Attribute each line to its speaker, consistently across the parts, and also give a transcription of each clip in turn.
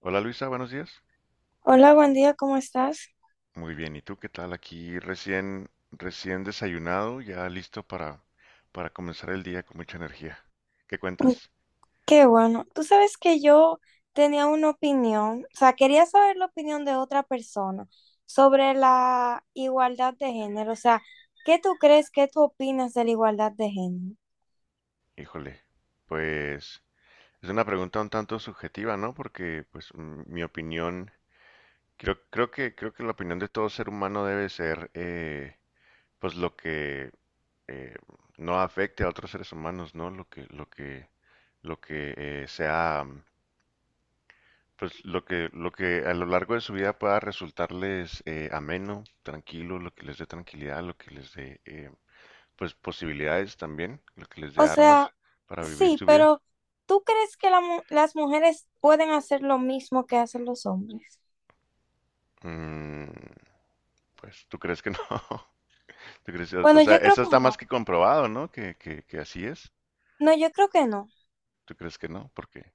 Speaker 1: Hola Luisa, buenos días.
Speaker 2: Hola, buen día, ¿cómo estás?
Speaker 1: Muy bien, ¿y tú qué tal? Aquí recién desayunado, ya listo para comenzar el día con mucha energía. ¿Qué
Speaker 2: Mm.
Speaker 1: cuentas?
Speaker 2: Qué bueno. Tú sabes que yo tenía una opinión, o sea, quería saber la opinión de otra persona sobre la igualdad de género, o sea, ¿qué tú crees, qué tú opinas de la igualdad de género?
Speaker 1: Híjole, pues es una pregunta un tanto subjetiva, ¿no? Porque pues mi opinión, creo que la opinión de todo ser humano debe ser pues lo que eh, no afecte a otros seres humanos, ¿no? Lo que sea. Pues lo que a lo largo de su vida pueda resultarles ameno, tranquilo, lo que les dé tranquilidad, lo que les dé pues posibilidades también, lo que les dé
Speaker 2: O
Speaker 1: armas
Speaker 2: sea,
Speaker 1: para vivir
Speaker 2: sí,
Speaker 1: su vida.
Speaker 2: pero ¿tú crees que las mujeres pueden hacer lo mismo que hacen los hombres?
Speaker 1: Mm, pues tú crees que no. ¿Tú crees, o
Speaker 2: Bueno,
Speaker 1: sea,
Speaker 2: yo creo
Speaker 1: eso
Speaker 2: que
Speaker 1: está más
Speaker 2: no.
Speaker 1: que comprobado, ¿no? Que así es.
Speaker 2: No, yo creo que no.
Speaker 1: ¿Tú crees que no? Porque,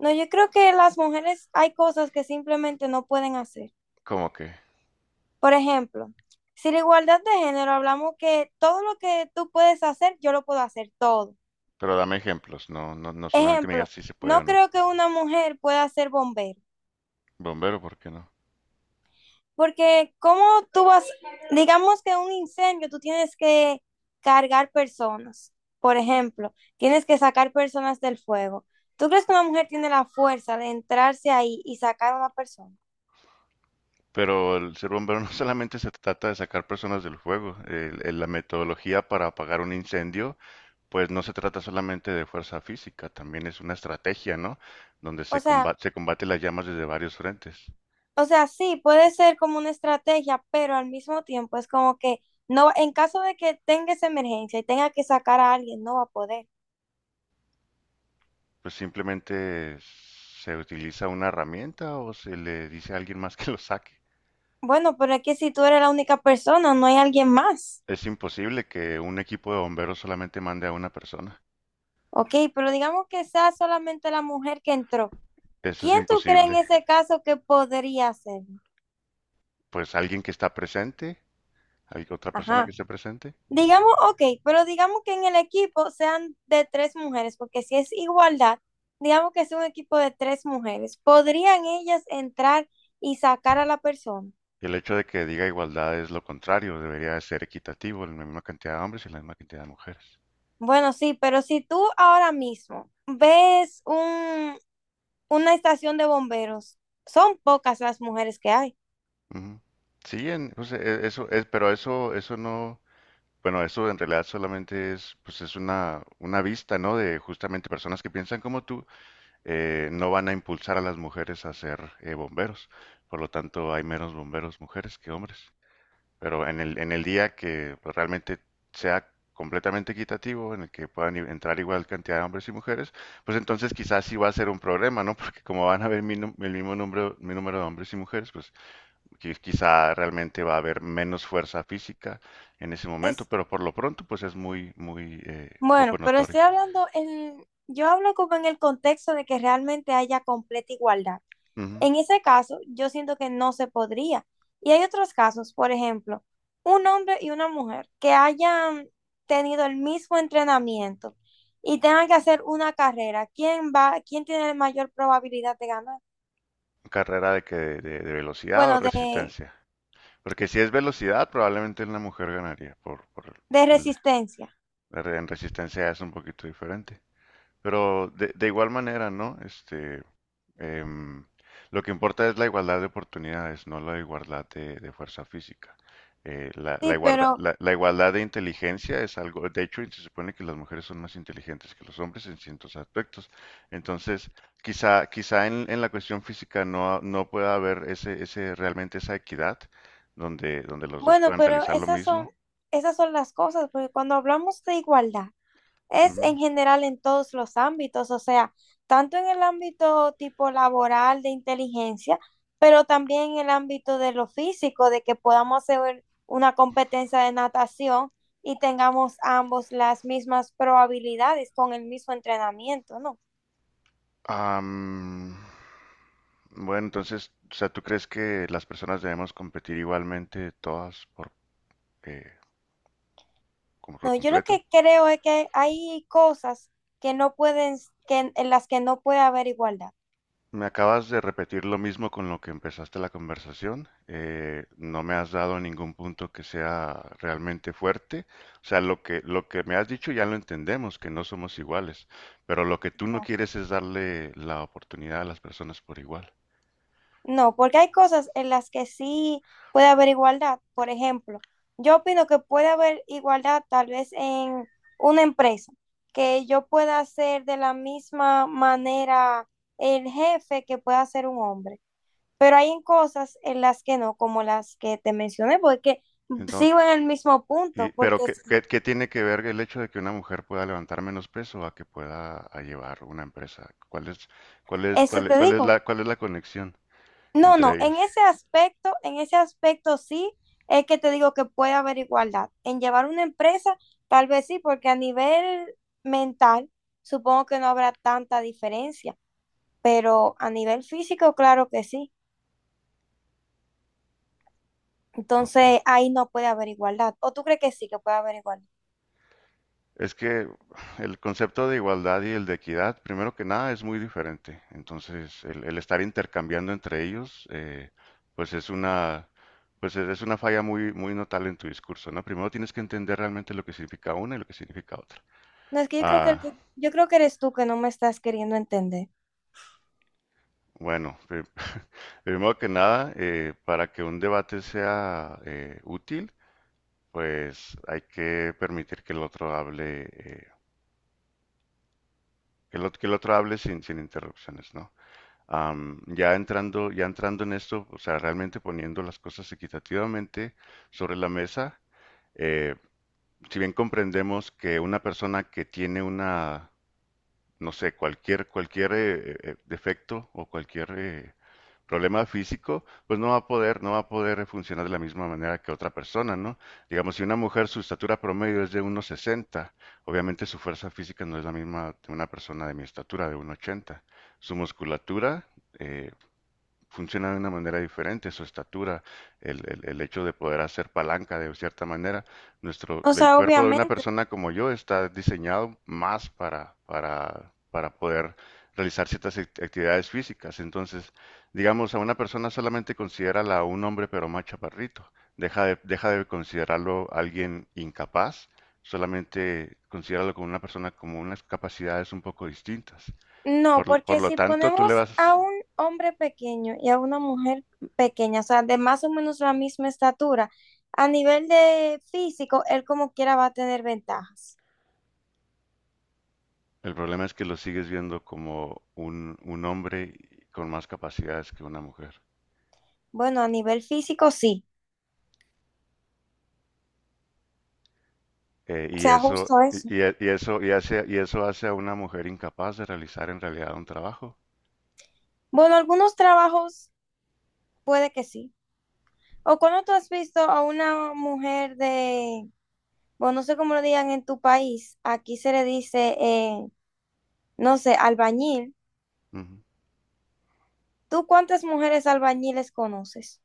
Speaker 2: No, yo creo que las mujeres hay cosas que simplemente no pueden hacer.
Speaker 1: ¿cómo que?
Speaker 2: Por ejemplo, si la igualdad de género hablamos que todo lo que tú puedes hacer, yo lo puedo hacer todo.
Speaker 1: Pero dame ejemplos, no solamente me digas
Speaker 2: Ejemplo,
Speaker 1: si se puede o
Speaker 2: no
Speaker 1: no.
Speaker 2: creo que una mujer pueda ser bombero,
Speaker 1: Bombero, ¿por qué no?
Speaker 2: porque cómo tú vas, digamos que un incendio, tú tienes que cargar personas, por ejemplo, tienes que sacar personas del fuego. ¿Tú crees que una mujer tiene la fuerza de entrarse ahí y sacar a una persona?
Speaker 1: Pero el ser bombero no solamente se trata de sacar personas del fuego. La metodología para apagar un incendio, pues no se trata solamente de fuerza física, también es una estrategia, ¿no? Donde
Speaker 2: O sea,
Speaker 1: se combate las llamas desde varios frentes.
Speaker 2: O sea, sí, puede ser como una estrategia, pero al mismo tiempo es como que no, en caso de que tenga esa emergencia y tenga que sacar a alguien, no va a poder.
Speaker 1: Pues simplemente se utiliza una herramienta o se le dice a alguien más que lo saque.
Speaker 2: Bueno, pero es que si tú eres la única persona, no hay alguien más.
Speaker 1: Es imposible que un equipo de bomberos solamente mande a una persona.
Speaker 2: Ok, pero digamos que sea solamente la mujer que entró.
Speaker 1: Eso es
Speaker 2: ¿Quién tú crees en
Speaker 1: imposible.
Speaker 2: ese caso que podría ser?
Speaker 1: Pues alguien que está presente, hay otra persona que
Speaker 2: Ajá.
Speaker 1: esté presente.
Speaker 2: Digamos, ok, pero digamos que en el equipo sean de tres mujeres, porque si es igualdad, digamos que es un equipo de tres mujeres, ¿podrían ellas entrar y sacar a la persona?
Speaker 1: Y el hecho de que diga igualdad es lo contrario, debería de ser equitativo, la misma cantidad de hombres y la misma cantidad de mujeres.
Speaker 2: Bueno, sí, pero si tú ahora mismo ves una estación de bomberos, son pocas las mujeres que hay.
Speaker 1: Ujú. Sí, pues, eso es, pero eso no, bueno, eso en realidad solamente es, pues es una vista, ¿no? De justamente personas que piensan como tú, no van a impulsar a las mujeres a ser bomberos. Por lo tanto, hay menos bomberos mujeres que hombres. Pero en el día que pues, realmente sea completamente equitativo, en el que puedan entrar igual cantidad de hombres y mujeres, pues entonces quizás sí va a ser un problema, ¿no? Porque como van a haber el mismo número de hombres y mujeres, pues quizá realmente va a haber menos fuerza física en ese momento,
Speaker 2: Es,
Speaker 1: pero por lo pronto pues es muy, muy, poco
Speaker 2: bueno, pero
Speaker 1: notorio.
Speaker 2: estoy hablando yo hablo como en el contexto de que realmente haya completa igualdad.
Speaker 1: Ujú.
Speaker 2: En ese caso, yo siento que no se podría. Y hay otros casos, por ejemplo, un hombre y una mujer que hayan tenido el mismo entrenamiento y tengan que hacer una carrera, ¿ quién tiene la mayor probabilidad de ganar?
Speaker 1: Carrera de de velocidad o
Speaker 2: Bueno, de,
Speaker 1: resistencia. Porque si es velocidad, probablemente una mujer ganaría,
Speaker 2: de
Speaker 1: porque
Speaker 2: resistencia.
Speaker 1: en resistencia es un poquito diferente. Pero de igual manera, ¿no? Em, lo que importa es la igualdad de oportunidades, no la igualdad de fuerza física.
Speaker 2: Sí, pero
Speaker 1: La igualdad de inteligencia es algo, de hecho, se supone que las mujeres son más inteligentes que los hombres en ciertos aspectos. Entonces, quizá en la cuestión física no, no pueda haber realmente esa equidad donde, donde los dos
Speaker 2: bueno,
Speaker 1: puedan
Speaker 2: pero
Speaker 1: realizar lo
Speaker 2: esas son,
Speaker 1: mismo.
Speaker 2: esas son las cosas, porque cuando hablamos de igualdad, es
Speaker 1: Ujú.
Speaker 2: en general en todos los ámbitos, o sea, tanto en el ámbito tipo laboral de inteligencia, pero también en el ámbito de lo físico, de que podamos hacer una competencia de natación y tengamos ambos las mismas probabilidades con el mismo entrenamiento, ¿no?
Speaker 1: Am, Bueno, entonces, o sea, ¿tú crees que las personas debemos competir igualmente todas por, eh, como por
Speaker 2: No, yo lo
Speaker 1: completo?
Speaker 2: que creo es que hay cosas que no pueden, que en las que no puede haber igualdad.
Speaker 1: Me acabas de repetir lo mismo con lo que empezaste la conversación. No me has dado ningún punto que sea realmente fuerte. O sea, lo que me has dicho ya lo entendemos, que no somos iguales. Pero lo que tú no
Speaker 2: Ah,
Speaker 1: quieres es darle la oportunidad a las personas por igual.
Speaker 2: no, porque hay cosas en las que sí puede haber igualdad. Por ejemplo, yo opino que puede haber igualdad tal vez en una empresa, que yo pueda hacer de la misma manera el jefe que pueda ser un hombre. Pero hay en cosas en las que no, como las que te mencioné, porque sigo en el mismo
Speaker 1: Y,
Speaker 2: punto,
Speaker 1: pero
Speaker 2: porque
Speaker 1: ¿qué tiene que ver el hecho de que una mujer pueda levantar menos peso a que pueda a llevar una empresa? ¿Cuál es, cuál es,
Speaker 2: eso
Speaker 1: cuál, es
Speaker 2: te
Speaker 1: cuál es
Speaker 2: digo.
Speaker 1: la, ¿cuál es la conexión
Speaker 2: No, no,
Speaker 1: entre ellas?
Speaker 2: en ese aspecto sí es que te digo que puede haber igualdad. En llevar una empresa, tal vez sí, porque a nivel mental supongo que no habrá tanta diferencia, pero a nivel físico, claro que sí. Entonces
Speaker 1: Ok.
Speaker 2: ahí no puede haber igualdad. ¿O tú crees que sí que puede haber igualdad?
Speaker 1: Es que el concepto de igualdad y el de equidad, primero que nada, es muy diferente. Entonces, el estar intercambiando entre ellos, pues es una, pues es una falla muy, muy notable en tu discurso, ¿no? Primero tienes que entender realmente lo que significa una y lo que significa otra.
Speaker 2: No, es que yo creo que,
Speaker 1: Ah,
Speaker 2: yo creo que eres tú que no me estás queriendo entender.
Speaker 1: Bueno, primero que nada, para que un debate sea útil, pues hay que permitir que el otro hable, que el otro hable sin interrupciones, ¿no? Ya entrando en esto, o sea, realmente poniendo las cosas equitativamente sobre la mesa, eh, si bien comprendemos que una persona que tiene una no sé, cualquier defecto o cualquier problema físico, pues no va a poder, no va a poder funcionar de la misma manera que otra persona, ¿no? Digamos, si una mujer su estatura promedio es de 1,60, obviamente su fuerza física no es la misma de una persona de mi estatura, de 1,80. Su musculatura, eh, funciona de una manera diferente, su estatura, el hecho de poder hacer palanca de cierta manera.
Speaker 2: O
Speaker 1: El
Speaker 2: sea,
Speaker 1: cuerpo de una
Speaker 2: obviamente.
Speaker 1: persona como yo está diseñado más para poder realizar ciertas actividades físicas. Entonces, digamos, a una persona solamente considérala un hombre pero más chaparrito. Deja de considerarlo alguien incapaz, solamente considéralo como una persona como unas capacidades un poco distintas.
Speaker 2: No,
Speaker 1: Por
Speaker 2: porque
Speaker 1: lo
Speaker 2: si
Speaker 1: tanto, tú le
Speaker 2: ponemos a
Speaker 1: vas,
Speaker 2: un hombre pequeño y a una mujer pequeña, o sea, de más o menos la misma estatura, a nivel de físico, él como quiera va a tener ventajas.
Speaker 1: El problema es que lo sigues viendo como un hombre con más capacidades que una mujer.
Speaker 2: Bueno, a nivel físico sí, o
Speaker 1: Y
Speaker 2: sea,
Speaker 1: eso,
Speaker 2: justo eso.
Speaker 1: y eso, y hace, y eso hace a una mujer incapaz de realizar en realidad un trabajo.
Speaker 2: Bueno, algunos trabajos puede que sí. O cuando tú has visto a una mujer de, bueno, no sé cómo lo digan en tu país, aquí se le dice, no sé, albañil.
Speaker 1: Ujú.
Speaker 2: ¿Tú cuántas mujeres albañiles conoces?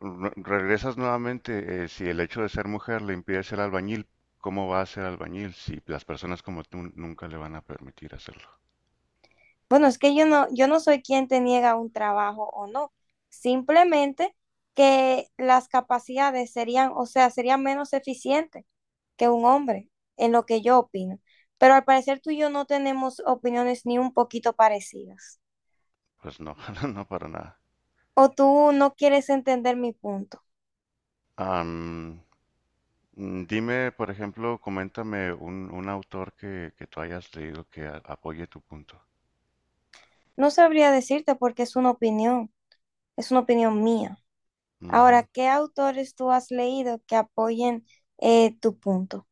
Speaker 1: Regresas nuevamente, si el hecho de ser mujer le impide ser albañil, ¿cómo va a ser albañil si las personas como tú nunca le van a permitir hacerlo?
Speaker 2: Bueno, es que yo no soy quien te niega un trabajo o no, simplemente que las capacidades serían, o sea, serían menos eficientes que un hombre, en lo que yo opino. Pero al parecer tú y yo no tenemos opiniones ni un poquito parecidas.
Speaker 1: Pues no, no para nada.
Speaker 2: O tú no quieres entender mi punto.
Speaker 1: Am, dime, por ejemplo, coméntame un autor que tú hayas leído que apoye tu punto.
Speaker 2: No sabría decirte porque es una opinión mía. Ahora,
Speaker 1: Ujú.
Speaker 2: ¿qué autores tú has leído que apoyen tu punto?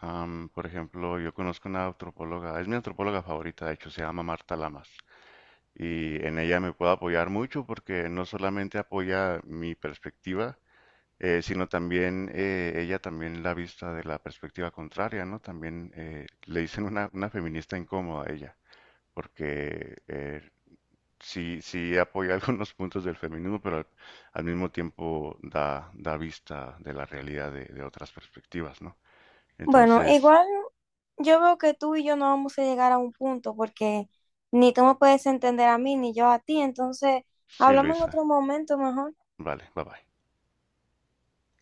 Speaker 1: Por ejemplo, yo conozco una antropóloga, es mi antropóloga favorita, de hecho, se llama Marta Lamas, y en ella me puedo apoyar mucho porque no solamente apoya mi perspectiva, sino también ella también la vista de la perspectiva contraria, ¿no? También le dicen una feminista incómoda a ella, porque sí apoya algunos puntos del feminismo, pero al mismo tiempo da vista de la realidad de otras perspectivas, ¿no?
Speaker 2: Bueno,
Speaker 1: Entonces,
Speaker 2: igual yo veo que tú y yo no vamos a llegar a un punto porque ni tú me puedes entender a mí ni yo a ti, entonces
Speaker 1: Sí,
Speaker 2: hablamos en
Speaker 1: Luisa.
Speaker 2: otro momento mejor.
Speaker 1: Vale, bye bye.